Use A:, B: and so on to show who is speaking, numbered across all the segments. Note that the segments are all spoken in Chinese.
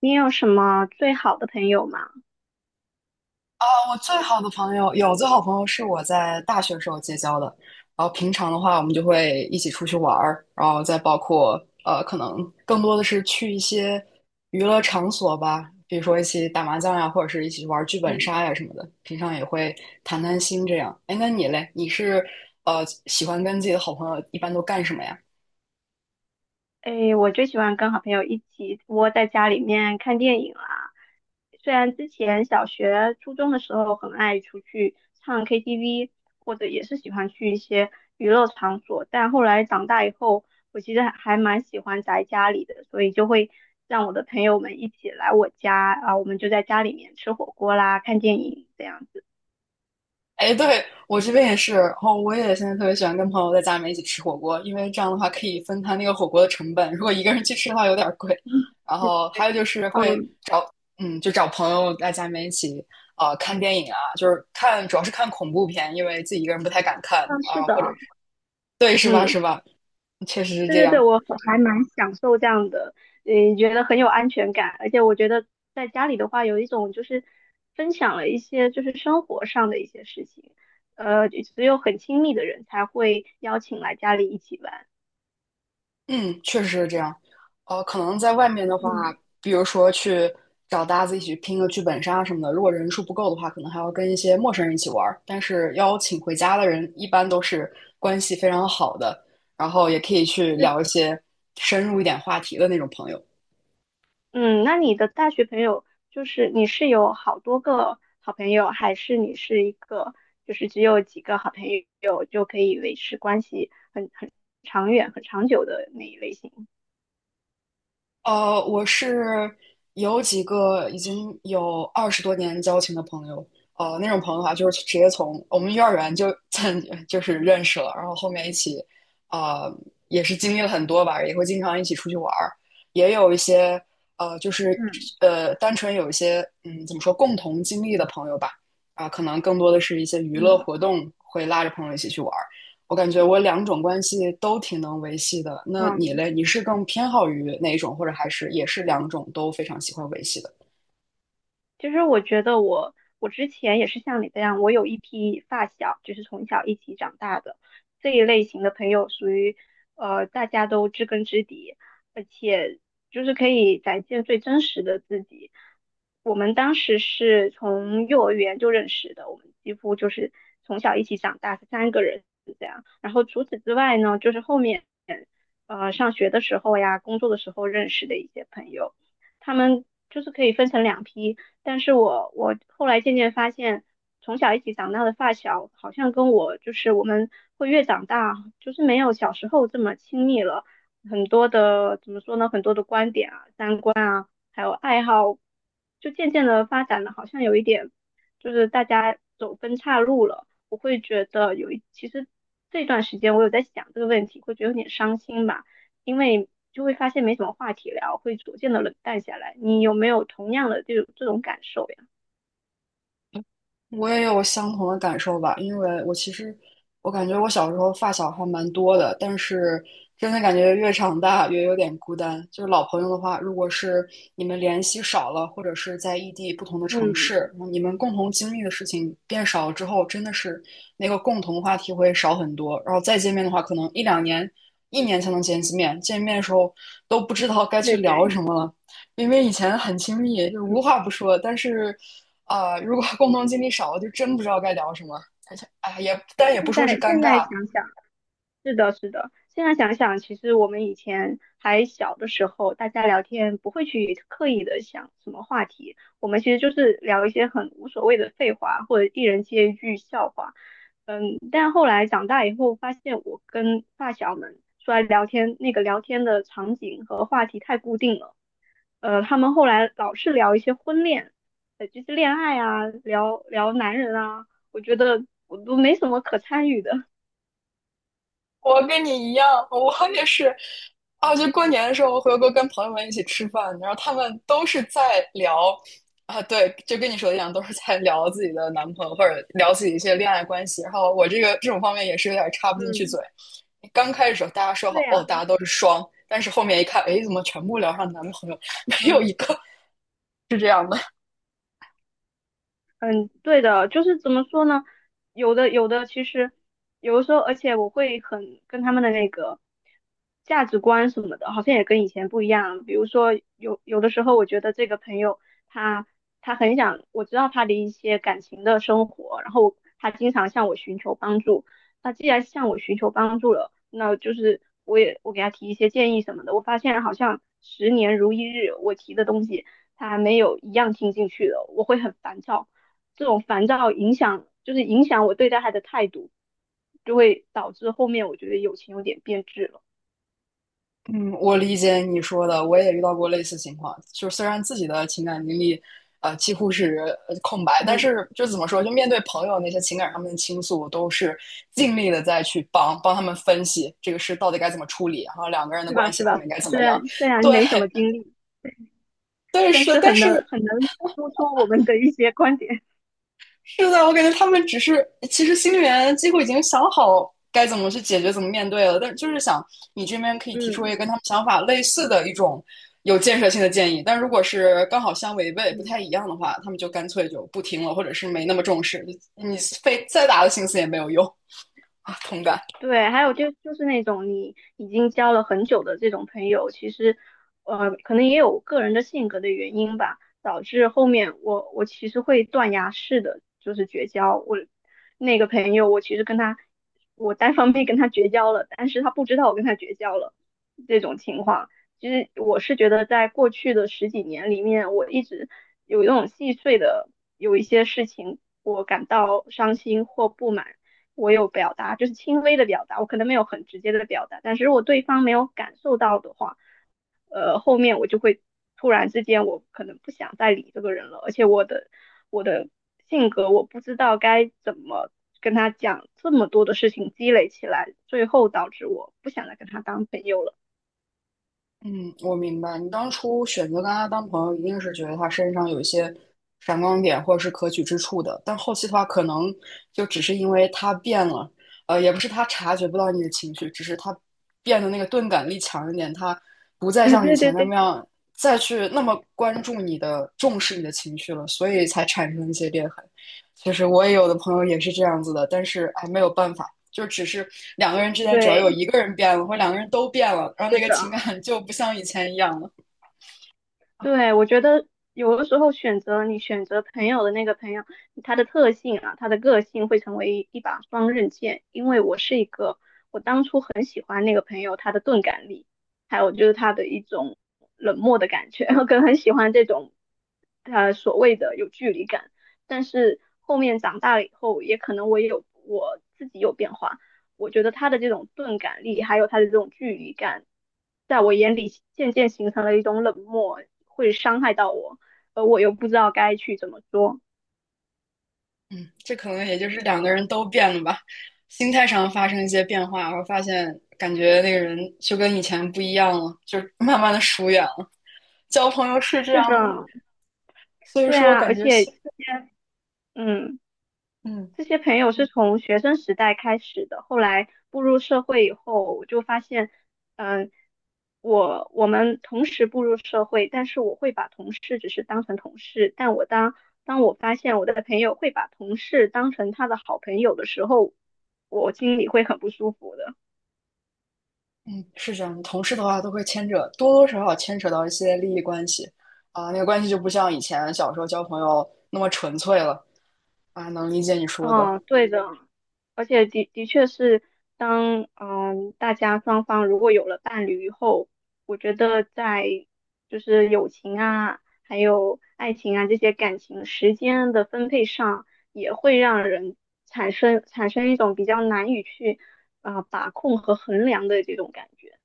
A: 你有什么最好的朋友吗？
B: 啊，我最好的朋友有最好朋友是我在大学时候结交的，然后平常的话，我们就会一起出去玩儿，然后再包括可能更多的是去一些娱乐场所吧，比如说一起打麻将呀，或者是一起玩剧本
A: 嗯，
B: 杀呀什么的。平常也会谈谈心这样。哎，那你嘞？你是喜欢跟自己的好朋友一般都干什么呀？
A: 诶，我最喜欢跟好朋友一起窝在家里面看电影啦。虽然之前小学、初中的时候很爱出去唱 KTV，或者也是喜欢去一些娱乐场所，但后来长大以后，我其实还蛮喜欢宅家里的，所以就会让我的朋友们一起来我家啊，我们就在家里面吃火锅啦、看电影这样子。
B: 哎，对，我这边也是，然后我也现在特别喜欢跟朋友在家里面一起吃火锅，因为这样的话可以分摊那个火锅的成本。如果一个人去吃的话有点儿贵，然后还有就是会
A: 嗯，
B: 找，嗯，就找朋友在家里面一起，看电影啊，就是看，主要是看恐怖片，因为自己一个人不太敢看
A: 嗯，是
B: 啊，
A: 的，
B: 或者是，对，是吧，
A: 嗯，
B: 是吧？确实是
A: 对
B: 这
A: 对
B: 样。
A: 对，我很还蛮享受这样的，嗯，觉得很有安全感，而且我觉得在家里的话，有一种就是分享了一些就是生活上的一些事情，只有很亲密的人才会邀请来家里一起玩。
B: 嗯，确实是这样。可能在外面的话，
A: 嗯，
B: 比如说去找搭子一起拼个剧本杀什么的，如果人数不够的话，可能还要跟一些陌生人一起玩儿。但是邀请回家的人一般都是关系非常好的，然后也可以去
A: 是，
B: 聊一些深入一点话题的那种朋友。
A: 嗯，那你的大学朋友就是你是有好多个好朋友，还是你是一个就是只有几个好朋友就可以维持关系很长远、很长久的那一类型？
B: 我是有几个已经有20多年交情的朋友，那种朋友的话，就是直接从我们幼儿园就 就是认识了，然后后面一起，呃，也是经历了很多吧，也会经常一起出去玩儿，也有一些呃，就是单纯有一些嗯，怎么说，共同经历的朋友吧，啊、可能更多的是一些娱乐
A: 嗯
B: 活动会拉着朋友一起去玩。我感觉我两种关系都挺能维系的。那你
A: 嗯，
B: 嘞？你是更偏好于哪一种，或者还是也是两种都非常喜欢维系的？
A: 其实我觉得我之前也是像你这样，我有一批发小，就是从小一起长大的这一类型的朋友，属于大家都知根知底，而且就是可以展现最真实的自己。我们当时是从幼儿园就认识的，我们几乎就是从小一起长大，3个人。然后除此之外呢，就是后面上学的时候呀，工作的时候认识的一些朋友，他们就是可以分成2批。但是我后来渐渐发现，从小一起长大的发小，好像跟我就是我们会越长大，就是没有小时候这么亲密了。很多的怎么说呢？很多的观点啊、三观啊，还有爱好，就渐渐的发展的，好像有一点就是大家走分岔路了。我会觉得有一，其实这段时间我有在想这个问题，会觉得有点伤心吧，因为就会发现没什么话题聊，会逐渐的冷淡下来。你有没有同样的这种感受呀？
B: 我也有相同的感受吧，因为我其实我感觉我小时候发小还蛮多的，但是真的感觉越长大越有点孤单。就是老朋友的话，如果是你们联系少了，或者是在异地不同的城
A: 嗯，
B: 市，你们共同经历的事情变少了之后，真的是那个共同话题会少很多。然后再见面的话，可能一两年、一年才能见一次面，见面的时候都不知道该去
A: 对
B: 聊
A: 对，
B: 什么了。因为以前很亲密，就无
A: 嗯，
B: 话不说，但是啊、如果共同经历少了，就真不知道该聊什么。而且，哎，也但也不
A: 现
B: 说是
A: 在
B: 尴
A: 现在
B: 尬，
A: 想想。是的，是的。现在想想，其实我们以前还小的时候，大家聊天不会去刻意的想什么话题，我们其实就是聊一些很无所谓的废话，或者一人接一句笑话。嗯，但后来长大以后，发现我跟发小们出来聊天，那个聊天的场景和话题太固定了。他们后来老是聊一些婚恋，就是恋爱啊，聊聊男人啊，我觉得我都没什么可参与的。
B: 我跟你一样，我也是。啊，就过年的时候，我回国跟朋友们一起吃饭，然后他们都是在聊啊，对，就跟你说的一样，都是在聊自己的男朋友或者聊自己一些恋爱关系。然后我这个这种方面也是有点插不进去嘴。
A: 嗯，
B: 刚开始的时候大家说
A: 对
B: 好
A: 呀，
B: 哦，大家都是双，但是后面一看，哎，怎么全部聊上男朋友，没有
A: 嗯。
B: 一个是这样的。
A: 嗯，对的，就是怎么说呢？有的，其实有的时候，而且我会很跟他们的那个价值观什么的，好像也跟以前不一样。比如说，有有的时候，我觉得这个朋友他他很想，我知道他的一些感情的生活，然后他经常向我寻求帮助。那既然向我寻求帮助了，那就是我也我给他提一些建议什么的。我发现好像十年如一日，我提的东西。他没有一样听进去的，我会很烦躁。这种烦躁影响，就是影响我对待他的态度，就会导致后面我觉得友情有点变质了。
B: 嗯，我理解你说的，我也遇到过类似情况。就是虽然自己的情感经历，几乎是空白，但
A: 嗯，
B: 是就怎么说，就面对朋友那些情感上面的倾诉，我都是尽力的再去帮他们分析这个事到底该怎么处理，然后两个人的
A: 是吧？
B: 关系
A: 是
B: 后
A: 吧？
B: 面该怎
A: 虽
B: 么样。
A: 然虽然
B: 对，
A: 没什么经历，
B: 对，
A: 但
B: 是的，
A: 是
B: 但
A: 很能
B: 是
A: 很能说出我们的一些观点。
B: 是的，我感觉他们只是，其实心里面几乎已经想好该怎么去解决、怎么面对了，但就是想你这边可 以提出一个
A: 嗯
B: 跟他们想法类似的一种有建设性的建议，但如果是刚好相违背、不
A: 嗯。
B: 太一样的话，他们就干脆就不听了，或者是没那么重视，你费再大的心思也没有用啊，同感。
A: 对，还有就是那种你已经交了很久的这种朋友，其实，可能也有个人的性格的原因吧，导致后面我其实会断崖式的就是绝交。我那个朋友，我其实跟他，我单方面跟他绝交了，但是他不知道我跟他绝交了这种情况。其实我是觉得，在过去的十几年里面，我一直有一种细碎的有一些事情，我感到伤心或不满。我有表达，就是轻微的表达，我可能没有很直接的表达，但是如果对方没有感受到的话，后面我就会突然之间，我可能不想再理这个人了，而且我的性格，我不知道该怎么跟他讲，这么多的事情积累起来，最后导致我不想再跟他当朋友了。
B: 嗯，我明白。你当初选择跟他当朋友，一定是觉得他身上有一些闪光点或者是可取之处的。但后期的话，可能就只是因为他变了，也不是他察觉不到你的情绪，只是他变得那个钝感力强一点，他不 再
A: 对
B: 像以
A: 对对
B: 前那么
A: 对，
B: 样再去那么关注你的、重视你的情绪了，所以才产生一些裂痕。其实我也有的朋友也是这样子的，但是哎，没有办法。就只是两个人之间，只要有
A: 对，
B: 一个人变了，或者两个人都变了，然后
A: 是
B: 那个
A: 的，
B: 情感就不像以前一样了。
A: 对，我觉得有的时候选择你选择朋友的那个朋友，他的特性啊，他的个性会成为一把双刃剑。因为我是一个很喜欢那个朋友他的钝感力，还有就是他的一种冷漠的感觉，我可能很喜欢这种所谓的有距离感。但是后面长大了以后，也可能我也有我自己有变化，我觉得他的这种钝感力，还有他的这种距离感，在我眼里渐渐形成了一种冷漠，会伤害到我，而我又不知道该去怎么说。
B: 嗯，这可能也就是两个人都变了吧，心态上发生一些变化，然后发现感觉那个人就跟以前不一样了，就慢慢的疏远了。交朋友是这
A: 是
B: 样的，
A: 的，
B: 所以
A: 对
B: 说
A: 啊，
B: 感
A: 而
B: 觉，
A: 且这些，嗯。
B: 嗯
A: 这些朋友是从学生时代开始的，后来步入社会以后，我就发现，嗯，我我们同时步入社会，但是我会把同事只是当成同事，但我当当我发现我的朋友会把同事当成他的好朋友的时候，我心里会很不舒服的。
B: 嗯，是这样的。同事的话都会牵扯，多多少少牵扯到一些利益关系啊，那个关系就不像以前小时候交朋友那么纯粹了啊，能理解你说的。
A: 嗯，对的，而且的确是当，嗯大家双方如果有了伴侣以后，我觉得在就是友情啊，还有爱情啊这些感情时间的分配上，产生一种比较难以去把控和衡量的这种感觉。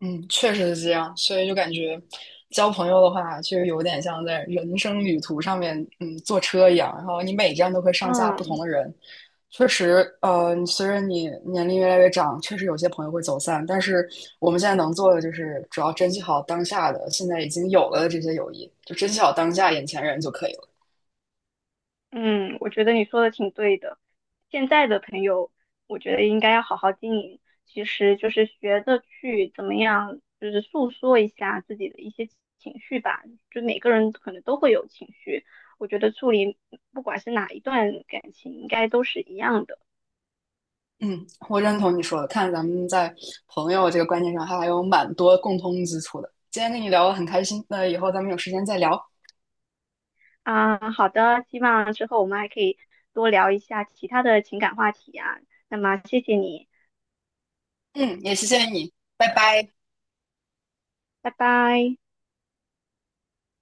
B: 嗯，确实是这样，所以就感觉交朋友的话，实有点像在人生旅途上面，嗯，坐车一样，然后你每站都会上下不同
A: 嗯，
B: 的人。确实，随着你年龄越来越长，确实有些朋友会走散，但是我们现在能做的就是主要珍惜好当下的，现在已经有了的这些友谊，就珍惜好当下眼前人就可以了。
A: 嗯，我觉得你说的挺对的。现在的朋友，我觉得应该要好好经营。其实就是学着去怎么样，就是诉说一下自己的一些情绪吧。就每个人可能都会有情绪，我觉得处理不管是哪一段感情，应该都是一样的。
B: 嗯，我认同你说的，看咱们在朋友这个观念上还有蛮多共通之处的。今天跟你聊得很开心，那以后咱们有时间再聊。
A: 啊，好的，希望之后我们还可以多聊一下其他的情感话题啊。那么谢谢你，
B: 嗯，也谢谢你，拜拜。
A: 拜拜。